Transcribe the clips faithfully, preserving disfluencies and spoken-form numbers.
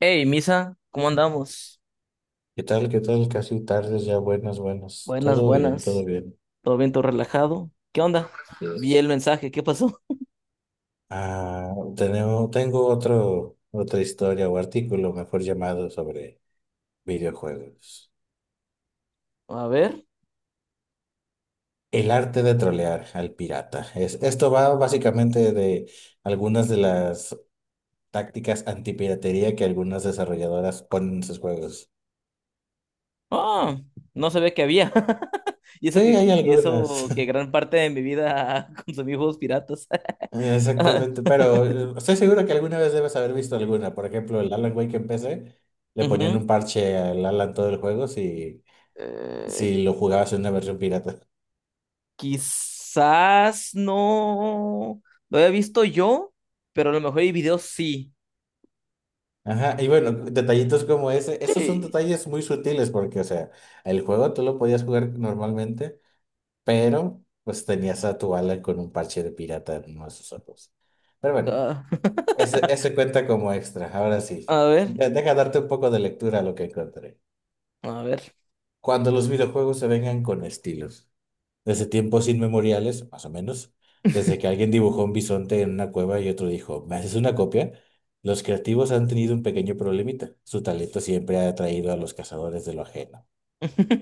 Hey, Misa, ¿cómo andamos? ¿Qué tal? ¿Qué tal? Casi tardes ya, buenas, buenas. Buenas, Todo bien, todo buenas. bien. ¿Todo bien, todo relajado? ¿Qué onda? Vi Yes. el mensaje, ¿qué pasó? Ah, tenemos, tengo otro, otra historia o artículo, mejor llamado, sobre videojuegos. A ver. El arte de trolear al pirata. Es, esto va básicamente de algunas de las tácticas antipiratería que algunas desarrolladoras ponen en sus juegos. Ah, no sabía que había. Y Sí, eso que, hay y algunas. eso que gran parte de mi vida consumí juegos piratas. Ah, Exactamente, pero eh, estoy seguro que alguna vez debes haber visto alguna. Por ejemplo, el Alan Wake en P C, le ponían ujú. un parche al Alan todo el juego si, Eh, si lo jugabas en una versión pirata. Quizás no lo había visto yo, pero a lo mejor hay videos, sí. Ajá, y bueno, detallitos como ese, esos son Sí. detalles muy sutiles porque, o sea, el juego tú lo podías jugar normalmente, pero pues tenías a tu Alan con un parche de pirata en uno de sus ojos. Pero bueno, Ah, ese, ese cuenta como extra, ahora sí. a ver, De- Deja darte un poco de lectura a lo que encontré. a ver. Cuando los videojuegos se vengan con estilos, desde tiempos inmemoriales, más o menos, desde que alguien dibujó un bisonte en una cueva y otro dijo, ¿me haces una copia? Los creativos han tenido un pequeño problemita. Su talento siempre ha atraído a los cazadores de lo ajeno.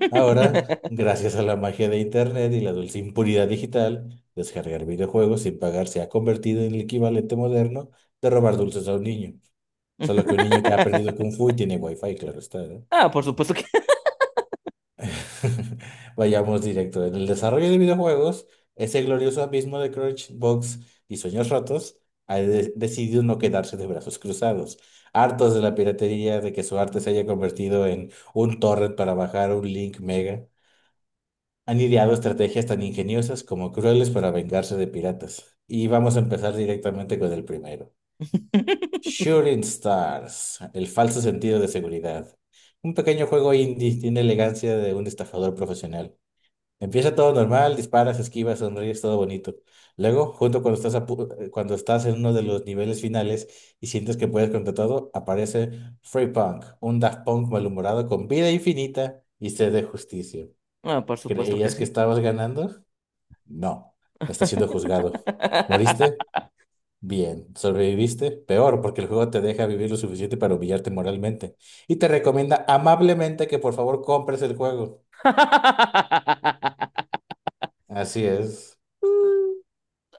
Ahora, gracias a la magia de Internet y la dulce impunidad digital, descargar videojuegos sin pagar se ha convertido en el equivalente moderno de robar dulces a un niño. Solo que un niño que ha aprendido Kung Fu y tiene Wi-Fi, claro está, ¿no? Ah, por supuesto que. Vayamos directo. En el desarrollo de videojuegos, ese glorioso abismo de Crunchbox y Sueños Rotos ha de- decidido no quedarse de brazos cruzados. Hartos de la piratería, de que su arte se haya convertido en un torrent para bajar un link mega, han ideado estrategias tan ingeniosas como crueles para vengarse de piratas. Y vamos a empezar directamente con el primero. Shooting Stars, el falso sentido de seguridad. Un pequeño juego indie tiene elegancia de un estafador profesional. Empieza todo normal, disparas, esquivas, sonríes, todo bonito. Luego, junto cuando estás, a pu- eh, cuando estás en uno de los niveles finales y sientes que puedes contra todo, aparece Free Punk, un Daft Punk malhumorado con vida infinita y sed de justicia. Ah, por supuesto que ¿Creías que sí. estabas ganando? No, estás siendo juzgado. ¿Moriste? Bien. ¿Sobreviviste? Peor, porque el juego te deja vivir lo suficiente para humillarte moralmente. Y te recomienda amablemente que por favor compres el juego. Así es.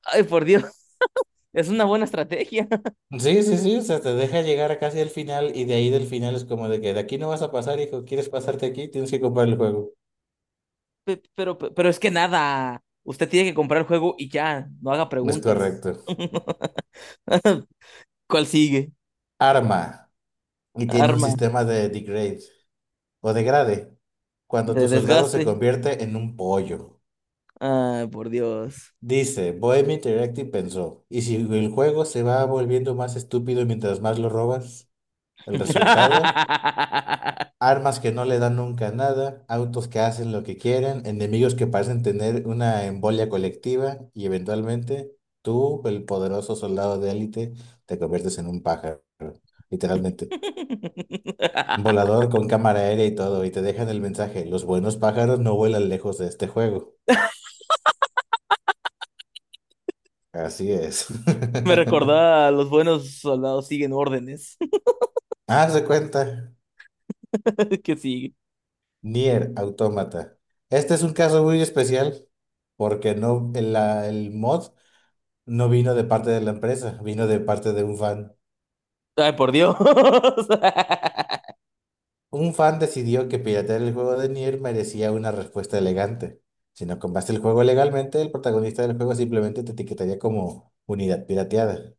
Ay, por Dios, es una buena estrategia. Sí, sí, sí, o sea, te deja llegar casi al final y de ahí del final es como de que de aquí no vas a pasar, hijo, quieres pasarte aquí, tienes que comprar el juego. Pe- Pero, pe- pero es que nada, usted tiene que comprar el juego y ya, no haga Es preguntas. correcto. ¿Cuál sigue? Arma y tiene un Arma sistema de degrade o degrade cuando tu de soldado se desgaste. convierte en un pollo. Ay, por Dios. Dice, Bohemia Interactive pensó, ¿y si el juego se va volviendo más estúpido mientras más lo robas? El resultado, armas que no le dan nunca nada, autos que hacen lo que quieren, enemigos que parecen tener una embolia colectiva y eventualmente tú, el poderoso soldado de élite, te conviertes en un pájaro, literalmente. Un Volador con cámara aérea y todo, y te dejan el mensaje, los buenos pájaros no vuelan lejos de este juego. Así es. Me recordaba, los buenos soldados siguen órdenes. Haz de cuenta, ¿Qué sigue? Nier Automata. Este es un caso muy especial porque no, el, la- el mod no vino de parte de la empresa, vino de parte de un fan. Ay, por Dios. Un fan decidió que piratear el juego de Nier merecía una respuesta elegante. Si no compraste el juego legalmente, el protagonista del juego simplemente te etiquetaría como unidad pirateada.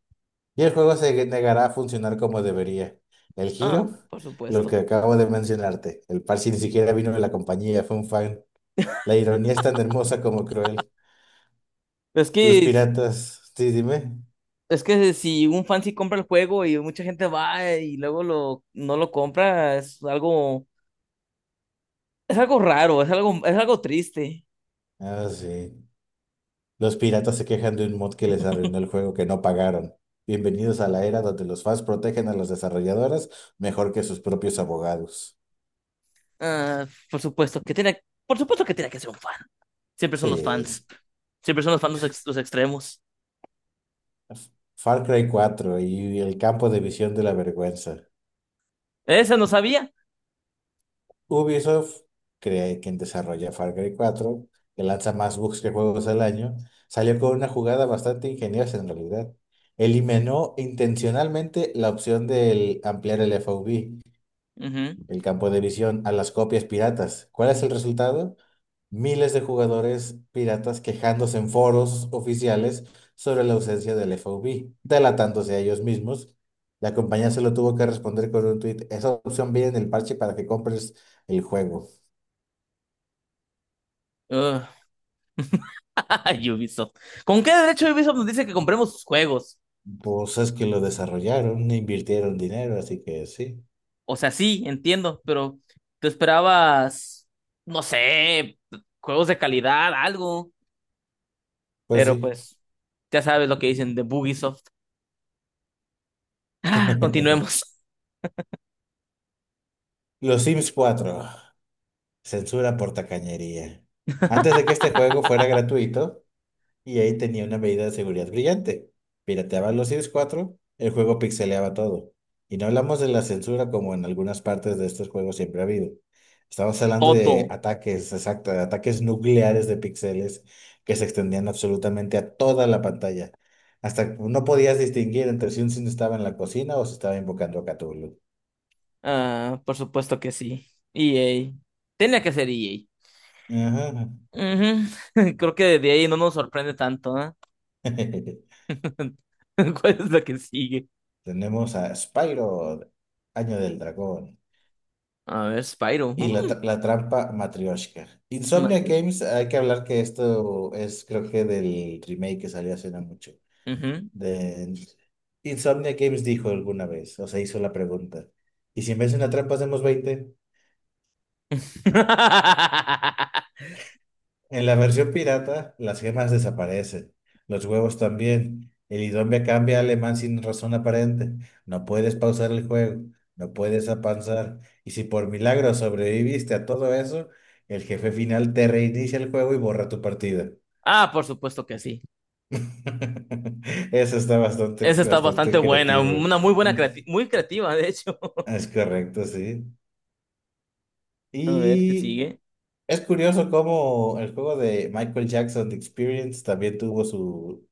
Y el juego se negará a funcionar como debería. El Ah, giro, por lo que supuesto. acabo de mencionarte. El parche ni siquiera vino de la compañía, fue un fan. La ironía es tan hermosa como cruel. Es Los que, piratas, sí, dime. es que si un fan sí compra el juego y mucha gente va y luego lo, no lo compra, es algo, es algo raro, es algo, es algo triste. Ah, sí. Los piratas se quejan de un mod que les arruinó el juego que no pagaron. Bienvenidos a la era donde los fans protegen a los desarrolladores mejor que sus propios abogados. Ah, por supuesto que tiene, por supuesto que tiene que ser un fan. Siempre son los Sí. fans. Siempre son los fans los, ex- los extremos. F- Far Cry cuatro y el campo de visión de la vergüenza. Ese no sabía. Ubisoft, cree quien desarrolla Far Cry cuatro, que lanza más bugs que juegos al año, salió con una jugada bastante ingeniosa en realidad. Eliminó intencionalmente la opción de ampliar el F O V, Ujú. el campo de visión, a las copias piratas. ¿Cuál es el resultado? Miles de jugadores piratas quejándose en foros oficiales sobre la ausencia del F O B, delatándose a ellos mismos. La compañía se lo tuvo que responder con un tweet. Esa opción viene en el parche para que compres el juego. Ugh. Ubisoft. ¿Con qué derecho Ubisoft nos dice que compremos sus juegos? Pues es que lo desarrollaron, invirtieron dinero, así que sí. O sea, sí, entiendo, pero tú esperabas, no sé, juegos de calidad, algo. Pues Pero sí. pues, ya sabes lo que dicen de Bugisoft. Ah, continuemos. Los Sims cuatro. Censura por tacañería. Antes de que este juego fuera gratuito, y ahí tenía una medida de seguridad brillante. Pirateaban los Sims cuatro, el juego pixeleaba todo. Y no hablamos de la censura como en algunas partes de estos juegos siempre ha habido. Estamos hablando de Todo. ataques, exacto, de ataques nucleares de píxeles que se extendían absolutamente a toda la pantalla. Hasta no podías distinguir entre si un Sim estaba en la cocina o si estaba invocando a Cthulhu. Ah, por supuesto que sí. E A. Tenía que ser E A. Ajá. Ujú. Creo que de ahí no nos sorprende tanto, ¿ah? ¿Cuál es la que sigue? Tenemos a Spyro, Año del Dragón. A ver, Spyro. Y la, Mm, tra- La trampa Matryoshka. Insomnia manches. Games, hay que hablar que esto es, creo que del remake que salió hace no mucho. Ujú. De... Insomnia Games dijo alguna vez, o sea, hizo la pregunta. ¿Y si en vez de una trampa hacemos veinte? En la versión pirata, las gemas desaparecen, los huevos también. El idioma cambia a alemán sin razón aparente. No puedes pausar el juego, no puedes avanzar. Y si por milagro sobreviviste a todo eso, el jefe final te reinicia el juego y borra tu partida. Ah, por supuesto que sí. Eso está bastante, Esa está bastante bastante buena, creativo. una muy buena, Mm, creati- muy creativa, de hecho. es correcto, sí. A ver, ¿qué Y sigue? es curioso cómo el juego de Michael Jackson, The Experience, también tuvo su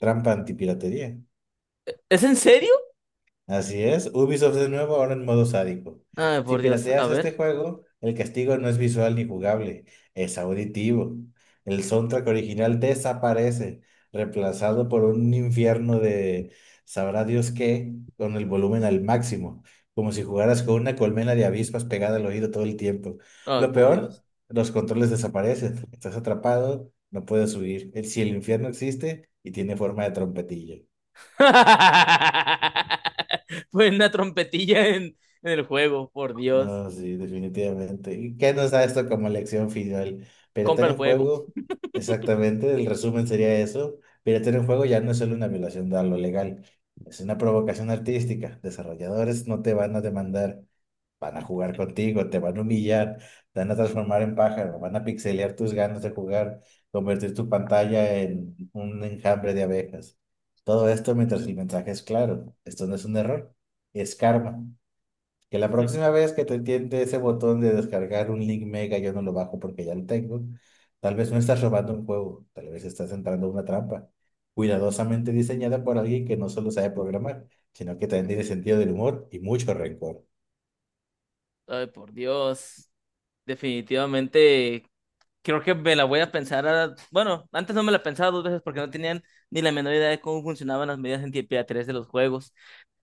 trampa antipiratería. ¿Es en serio? Así es. Ubisoft de nuevo ahora en modo sádico. Ay, Si por Dios, a pirateas este ver. juego, el castigo no es visual ni jugable, es auditivo. El soundtrack original desaparece, reemplazado por un infierno de sabrá Dios qué, con el volumen al máximo, como si jugaras con una colmena de avispas pegada al oído todo el tiempo. Ay, Lo por Dios. peor, los controles desaparecen. Estás atrapado, no puedes huir. El- Si el infierno existe y tiene forma de trompetilla. Fue una trompetilla en, en el juego, por Dios. No, sí, definitivamente. ¿Y qué nos da esto como lección final? Compra Piratear el en juego. juego, exactamente, el resumen sería eso. Piratear en juego ya no es solo una violación de lo legal, es una provocación artística. Desarrolladores no te van a demandar, van a jugar contigo, te van a humillar, te van a transformar en pájaro, van a pixelear tus ganas de jugar, convertir tu pantalla en un enjambre de abejas. Todo esto mientras el mensaje es claro, esto no es un error, es karma. Que la próxima vez que te tiente ese botón de descargar un link mega, yo no lo bajo porque ya lo tengo. Tal vez no estás robando un juego, tal vez estás entrando a una trampa, cuidadosamente diseñada por alguien que no solo sabe programar, sino que también tiene sentido del humor y mucho rencor. Ay, por Dios. Definitivamente, creo que me la voy a pensar. a- Bueno, antes no me la pensaba dos veces porque no tenían ni la menor idea de cómo funcionaban las medidas en de los juegos.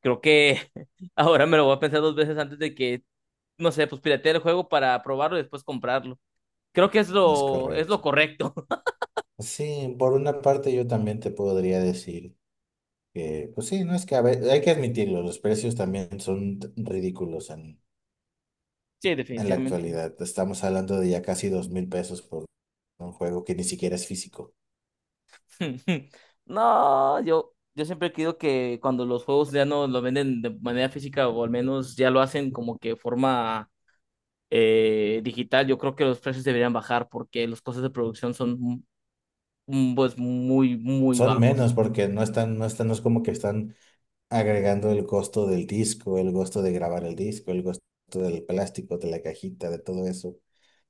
Creo que ahora me lo voy a pensar dos veces antes de que no sé, pues piratear el juego para probarlo y después comprarlo. Creo que es No. Es lo, es correcto. lo correcto. Sí, por una parte yo también te podría decir que, pues sí, no es que a ve- hay que admitirlo, los precios también son t- ridículos en, Sí, en la definitivamente. actualidad. Estamos hablando de ya casi dos mil pesos por un juego que ni siquiera es físico. No, yo, yo siempre he querido que cuando los juegos ya no lo venden de manera física, o al menos ya lo hacen como que forma eh, digital, yo creo que los precios deberían bajar porque los costos de producción son mm, pues muy, muy Son bajos, menos porque no están, no están, no es como que están agregando el costo del disco, el costo de grabar el disco, el costo del plástico, de la cajita, de todo eso.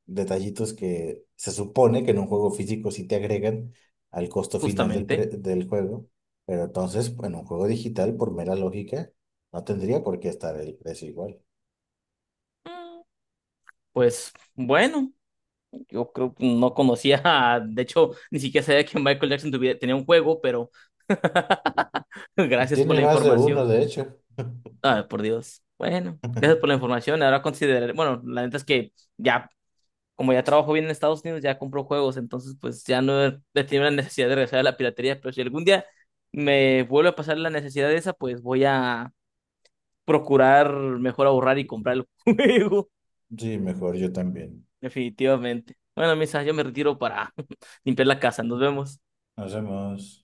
Detallitos que se supone que en un juego físico sí te agregan al costo final del, pre- justamente. del juego, pero entonces en un juego digital, por mera lógica, no tendría por qué estar el precio igual. Mm. Pues bueno. Yo creo que no conocía, de hecho, ni siquiera sabía que Michael Jackson tuviera- tenía un juego, pero gracias por Tiene la más de uno, información. de hecho. Ah, por Dios. Bueno, gracias por la información. Ahora consideraré, bueno, la neta es que ya, como ya trabajo bien en Estados Unidos, ya compro juegos, entonces pues ya no he he tenido la necesidad de regresar a la piratería, pero si algún día me vuelve a pasar la necesidad de esa, pues voy a procurar mejor ahorrar y comprar el juego, Sí, mejor yo también. definitivamente. Bueno, Misa, yo me retiro para limpiar la casa. Nos vemos. Nos vemos.